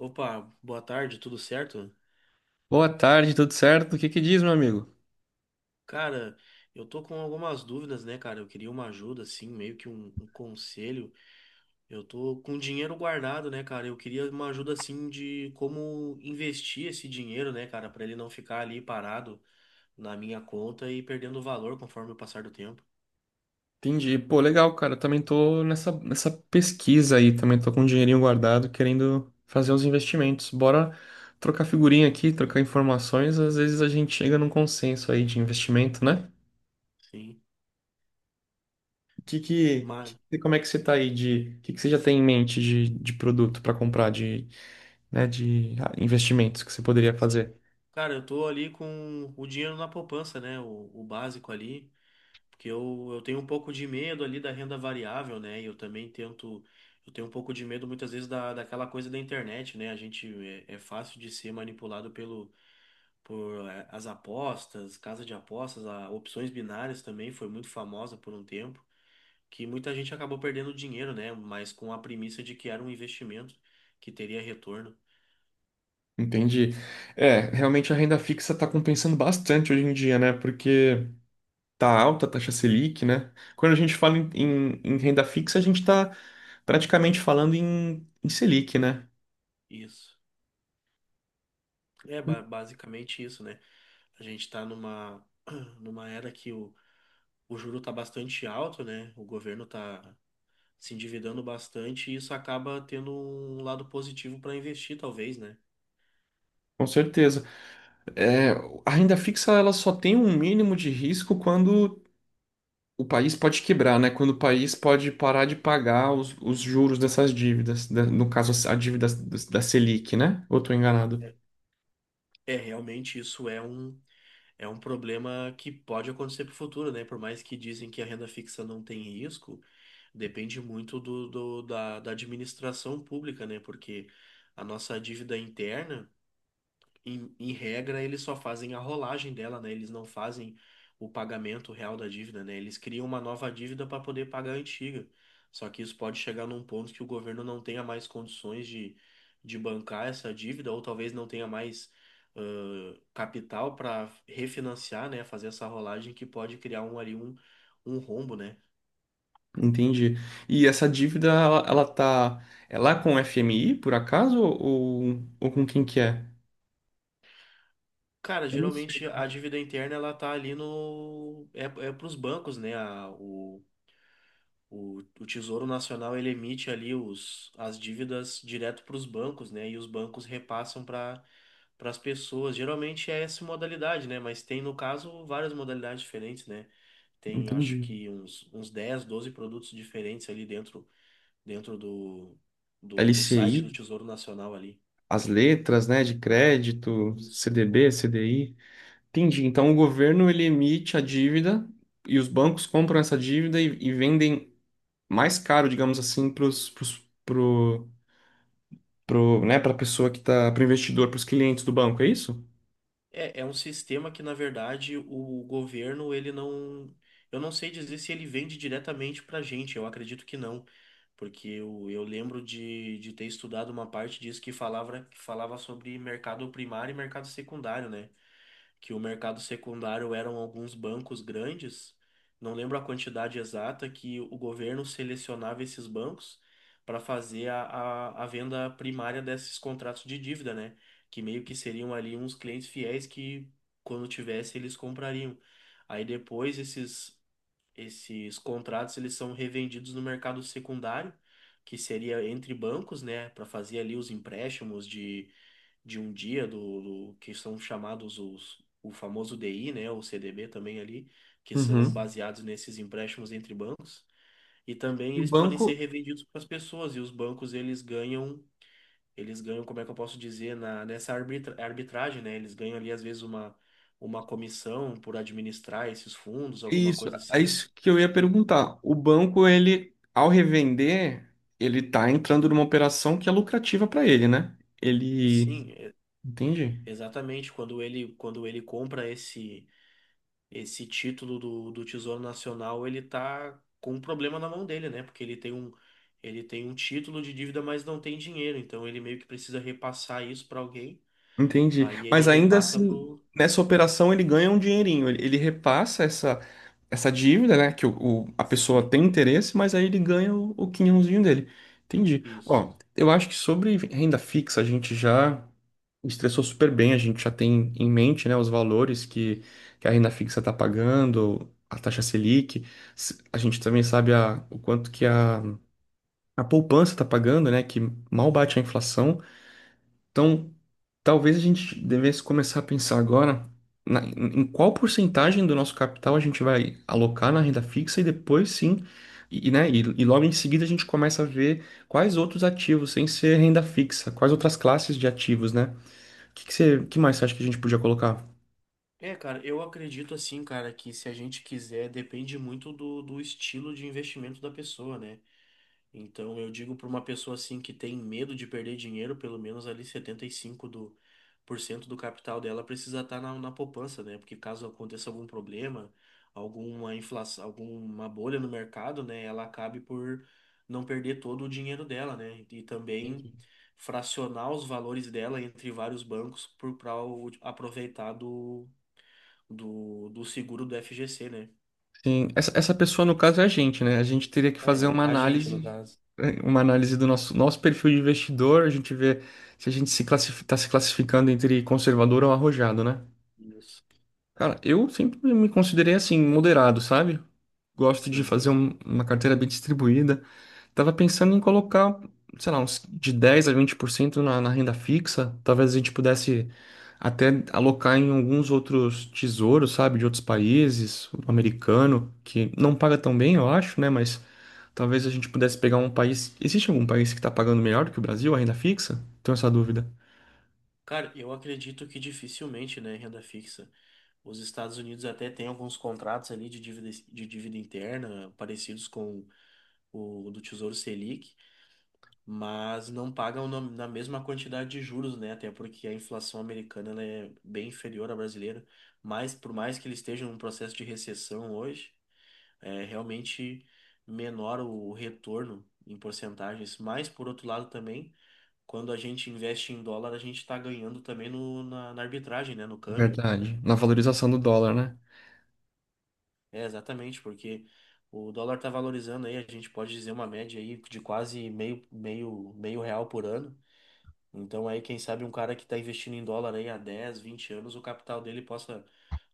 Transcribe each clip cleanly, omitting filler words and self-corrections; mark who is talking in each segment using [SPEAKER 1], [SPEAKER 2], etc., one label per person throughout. [SPEAKER 1] Opa, boa tarde, tudo certo?
[SPEAKER 2] Boa tarde, tudo certo? O que que diz, meu amigo?
[SPEAKER 1] Cara, eu tô com algumas dúvidas, né, cara? Eu queria uma ajuda, assim, meio que um conselho. Eu tô com dinheiro guardado, né, cara? Eu queria uma ajuda, assim, de como investir esse dinheiro, né, cara, pra ele não ficar ali parado na minha conta e perdendo valor conforme o passar do tempo.
[SPEAKER 2] Entendi. Pô, legal, cara. Eu também tô nessa pesquisa aí, também tô com um dinheirinho guardado, querendo fazer uns investimentos. Bora trocar figurinha aqui, trocar informações, às vezes a gente chega num consenso aí de investimento, né?
[SPEAKER 1] Sim,
[SPEAKER 2] Que que,
[SPEAKER 1] mas,
[SPEAKER 2] Como é que você tá aí de, o que que você já tem em mente de produto para comprar, de, né, de investimentos que você poderia
[SPEAKER 1] sim.
[SPEAKER 2] fazer?
[SPEAKER 1] Cara, eu tô ali com o dinheiro na poupança, né, o básico ali. Porque eu tenho um pouco de medo ali da renda variável, né? E eu também tento. Eu tenho um pouco de medo muitas vezes daquela coisa da internet, né? A gente é fácil de ser manipulado por as apostas, casa de apostas, opções binárias também foi muito famosa por um tempo, que muita gente acabou perdendo dinheiro, né? Mas com a premissa de que era um investimento que teria retorno.
[SPEAKER 2] Entendi. É, realmente a renda fixa tá compensando bastante hoje em dia, né? Porque tá alta a taxa Selic, né? Quando a gente fala em renda fixa, a gente está praticamente falando em Selic, né?
[SPEAKER 1] Isso. É basicamente isso, né? A gente está numa era que o juro está bastante alto, né? O governo está se endividando bastante e isso acaba tendo um lado positivo para investir, talvez, né?
[SPEAKER 2] Com certeza. A renda fixa ela só tem um mínimo de risco quando o país pode quebrar, né? Quando o país pode parar de pagar os juros dessas dívidas, no caso a dívida da Selic, né? Ou tô enganado?
[SPEAKER 1] É, é, realmente isso é um problema que pode acontecer para o futuro, né? Por mais que dizem que a renda fixa não tem risco, depende muito da administração pública, né? Porque a nossa dívida interna, em regra, eles só fazem a rolagem dela, né? Eles não fazem o pagamento real da dívida, né? Eles criam uma nova dívida para poder pagar a antiga. Só que isso pode chegar num ponto que o governo não tenha mais condições de bancar essa dívida, ou talvez não tenha mais capital para refinanciar, né? Fazer essa rolagem que pode criar ali um rombo, né?
[SPEAKER 2] Entendi. E essa dívida ela tá, é lá com o FMI, por acaso, ou com quem que é?
[SPEAKER 1] Cara,
[SPEAKER 2] Eu não sei.
[SPEAKER 1] geralmente a dívida interna ela tá ali no é para os bancos, né? O Tesouro Nacional ele emite ali as dívidas direto para os bancos, né? E os bancos repassam para as pessoas. Geralmente é essa modalidade, né? Mas tem, no caso, várias modalidades diferentes, né? Tem, acho
[SPEAKER 2] Entendi.
[SPEAKER 1] que uns 10 12 produtos diferentes ali dentro, dentro do site
[SPEAKER 2] LCI?
[SPEAKER 1] do Tesouro Nacional ali.
[SPEAKER 2] As letras, né, de crédito,
[SPEAKER 1] Isso.
[SPEAKER 2] CDB, CDI. Entendi. Então o governo ele emite a dívida e os bancos compram essa dívida e vendem mais caro, digamos assim, para pro, né, para a pessoa que tá, para o investidor, para os clientes do banco, é isso?
[SPEAKER 1] É, é um sistema que, na verdade, o governo, ele não. Eu não sei dizer se ele vende diretamente pra gente, eu acredito que não. Porque eu lembro de ter estudado uma parte disso que falava sobre mercado primário e mercado secundário, né? Que o mercado secundário eram alguns bancos grandes, não lembro a quantidade exata, que o governo selecionava esses bancos para fazer a venda primária desses contratos de dívida, né? Que meio que seriam ali uns clientes fiéis que, quando tivesse, eles comprariam. Aí depois esses contratos eles são revendidos no mercado secundário, que seria entre bancos, né, para fazer ali os empréstimos de um dia que são chamados os o famoso DI, né, o CDB também ali, que são
[SPEAKER 2] Uhum.
[SPEAKER 1] baseados nesses empréstimos entre bancos. E também
[SPEAKER 2] E o
[SPEAKER 1] eles podem ser
[SPEAKER 2] banco,
[SPEAKER 1] revendidos para as pessoas e os bancos eles ganham, como é que eu posso dizer, nessa arbitragem, né? Eles ganham ali às vezes uma comissão por administrar esses fundos, alguma
[SPEAKER 2] isso,
[SPEAKER 1] coisa
[SPEAKER 2] é
[SPEAKER 1] assim.
[SPEAKER 2] isso que eu ia perguntar. O banco, ele, ao revender, ele tá entrando numa operação que é lucrativa para ele, né?
[SPEAKER 1] E
[SPEAKER 2] Ele,
[SPEAKER 1] sim,
[SPEAKER 2] entendi.
[SPEAKER 1] exatamente. Quando ele compra esse título do Tesouro Nacional, ele tá com um problema na mão dele, né? Porque ele tem um título de dívida, mas não tem dinheiro. Então ele meio que precisa repassar isso para alguém.
[SPEAKER 2] Entendi.
[SPEAKER 1] Aí ele
[SPEAKER 2] Mas ainda
[SPEAKER 1] repassa
[SPEAKER 2] assim,
[SPEAKER 1] pro.
[SPEAKER 2] nessa operação ele ganha um dinheirinho. Ele repassa essa dívida, né? A pessoa
[SPEAKER 1] Sim,
[SPEAKER 2] tem interesse, mas aí ele ganha o quinhãozinho dele. Entendi.
[SPEAKER 1] isso.
[SPEAKER 2] Ó, eu acho que sobre renda fixa a gente já estressou super bem. A gente já tem em mente, né, os valores que a renda fixa está pagando, a taxa Selic. A gente também sabe o quanto que a poupança está pagando, né? Que mal bate a inflação. Então, talvez a gente devesse começar a pensar agora em qual porcentagem do nosso capital a gente vai alocar na renda fixa, e depois sim, né, e logo em seguida a gente começa a ver quais outros ativos, sem ser renda fixa, quais outras classes de ativos, né? O que, que você- Que mais você acha que a gente podia colocar?
[SPEAKER 1] É, cara, eu acredito assim, cara, que se a gente quiser, depende muito do estilo de investimento da pessoa, né? Então, eu digo para uma pessoa assim que tem medo de perder dinheiro, pelo menos ali 75 do por cento do capital dela precisa estar na poupança, né? Porque caso aconteça algum problema, alguma inflação, alguma bolha no mercado, né, ela acabe por não perder todo o dinheiro dela, né? E também fracionar os valores dela entre vários bancos para aproveitar do seguro do FGC, né?
[SPEAKER 2] Sim, essa pessoa no caso é a gente, né? A gente teria que fazer
[SPEAKER 1] É,
[SPEAKER 2] uma
[SPEAKER 1] a gente, no
[SPEAKER 2] análise,
[SPEAKER 1] caso.
[SPEAKER 2] uma análise do nosso perfil de investidor, a gente vê se a gente se está se classificando entre conservador ou arrojado, né?
[SPEAKER 1] Isso.
[SPEAKER 2] Cara, eu sempre me considerei assim, moderado, sabe? Gosto de
[SPEAKER 1] Sim.
[SPEAKER 2] fazer uma carteira bem distribuída. Tava pensando em colocar, sei lá, uns de 10 a 20% na renda fixa. Talvez a gente pudesse até alocar em alguns outros tesouros, sabe? De outros países, o americano, que não paga tão bem, eu acho, né? Mas talvez a gente pudesse pegar um país. Existe algum país que tá pagando melhor do que o Brasil, a renda fixa? Tenho essa dúvida.
[SPEAKER 1] Cara, eu acredito que dificilmente, né, renda fixa. Os Estados Unidos até têm alguns contratos ali de dívida interna, parecidos com o do Tesouro Selic, mas não pagam na mesma quantidade de juros, né? Até porque a inflação americana ela é bem inferior à brasileira. Mas por mais que eles estejam num processo de recessão hoje, é realmente menor o retorno em porcentagens. Mas por outro lado também quando a gente investe em dólar, a gente está ganhando também no, na, na arbitragem, né? No câmbio.
[SPEAKER 2] Verdade. Na valorização do dólar, né?
[SPEAKER 1] É, exatamente, porque o dólar está valorizando aí, a gente pode dizer uma média aí de quase meio real por ano. Então aí, quem sabe um cara que está investindo em dólar aí há 10 20 anos, o capital dele possa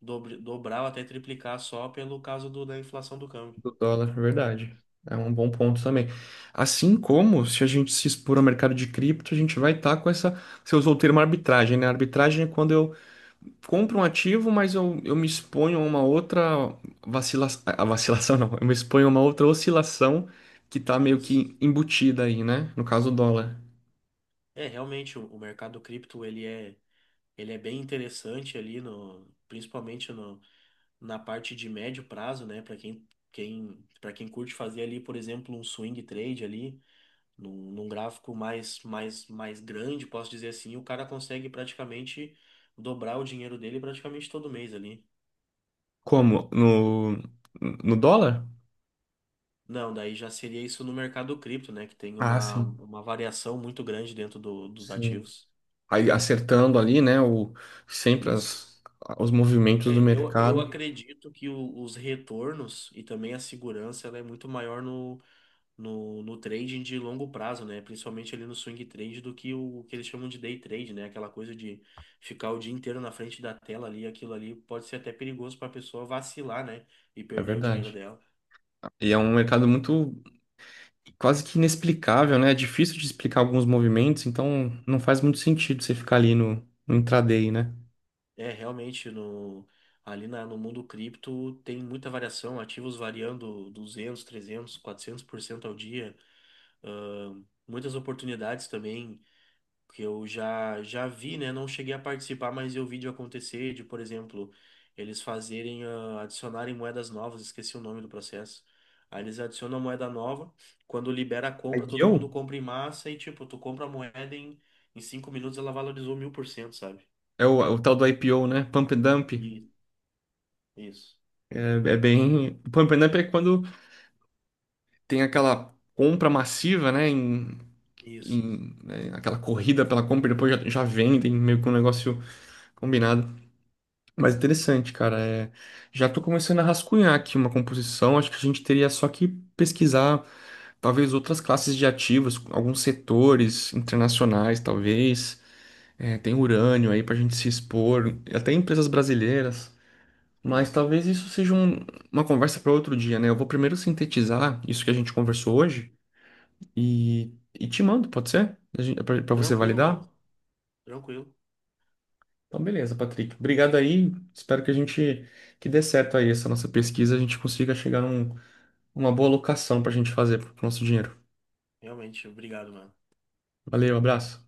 [SPEAKER 1] dobrar ou até triplicar só pelo caso da inflação do câmbio.
[SPEAKER 2] Do dólar, é verdade. É um bom ponto também. Assim como se a gente se expor ao mercado de cripto, a gente vai estar com essa. Você usou o termo arbitragem, né? Arbitragem é quando eu compro um ativo, mas eu me exponho a uma outra vacilação. A vacilação não, eu me exponho a uma outra oscilação que está meio
[SPEAKER 1] Isso.
[SPEAKER 2] que embutida aí, né? No caso, do dólar.
[SPEAKER 1] É, realmente, o mercado cripto, ele é bem interessante ali, no, principalmente na parte de médio prazo, né? Para para quem curte fazer ali, por exemplo, um swing trade ali, num gráfico mais grande, posso dizer assim, o cara consegue praticamente dobrar o dinheiro dele praticamente todo mês ali.
[SPEAKER 2] Como? No, no dólar?
[SPEAKER 1] Não, daí já seria isso no mercado cripto, né? Que tem
[SPEAKER 2] Ah,
[SPEAKER 1] uma,
[SPEAKER 2] sim,
[SPEAKER 1] uma variação muito grande dentro dos
[SPEAKER 2] sim.
[SPEAKER 1] ativos.
[SPEAKER 2] Aí acertando ali, né? Sempre
[SPEAKER 1] Isso.
[SPEAKER 2] os movimentos do
[SPEAKER 1] É, eu
[SPEAKER 2] mercado.
[SPEAKER 1] acredito que os retornos e também a segurança ela é muito maior no trading de longo prazo, né? Principalmente ali no swing trade do que o que eles chamam de day trade, né? Aquela coisa de ficar o dia inteiro na frente da tela ali, aquilo ali pode ser até perigoso para a pessoa vacilar, né? E
[SPEAKER 2] É
[SPEAKER 1] perder o dinheiro
[SPEAKER 2] verdade.
[SPEAKER 1] dela.
[SPEAKER 2] E é um mercado muito quase que inexplicável, né? É difícil de explicar alguns movimentos, então não faz muito sentido você ficar ali no intraday, né?
[SPEAKER 1] É, realmente, no mundo cripto tem muita variação, ativos variando 200 300 400% ao dia, muitas oportunidades também que eu já vi, né? Não cheguei a participar, mas eu vi de acontecer, de, por exemplo, eles fazerem, adicionarem moedas novas, esqueci o nome do processo. Aí eles adicionam a moeda nova, quando libera a compra, todo
[SPEAKER 2] IPO?
[SPEAKER 1] mundo compra em massa e, tipo, tu compra a moeda em 5 minutos, ela valorizou 1.000%, sabe?
[SPEAKER 2] É o tal do IPO, né? Pump and dump.
[SPEAKER 1] E isso,
[SPEAKER 2] É, é bem. Pump and dump é quando tem aquela compra massiva, né?
[SPEAKER 1] isso,
[SPEAKER 2] Né, aquela corrida pela compra e depois já vendem, meio que um negócio combinado. Mas interessante, cara. É, já tô começando a rascunhar aqui uma composição. Acho que a gente teria só que pesquisar, talvez outras classes de ativos, alguns setores internacionais, talvez. É, tem urânio aí para a gente se expor, até empresas brasileiras. Mas
[SPEAKER 1] sim.
[SPEAKER 2] talvez isso seja uma conversa para outro dia, né? Eu vou primeiro sintetizar isso que a gente conversou hoje e, e te mando, pode ser? Para você
[SPEAKER 1] Tranquilo, mano.
[SPEAKER 2] validar?
[SPEAKER 1] Tranquilo.
[SPEAKER 2] Então, beleza, Patrick. Obrigado aí. Espero que a gente que dê certo aí essa nossa pesquisa, a gente consiga chegar num, uma boa locação para a gente fazer pro nosso dinheiro.
[SPEAKER 1] Realmente, obrigado, mano.
[SPEAKER 2] Valeu, abraço.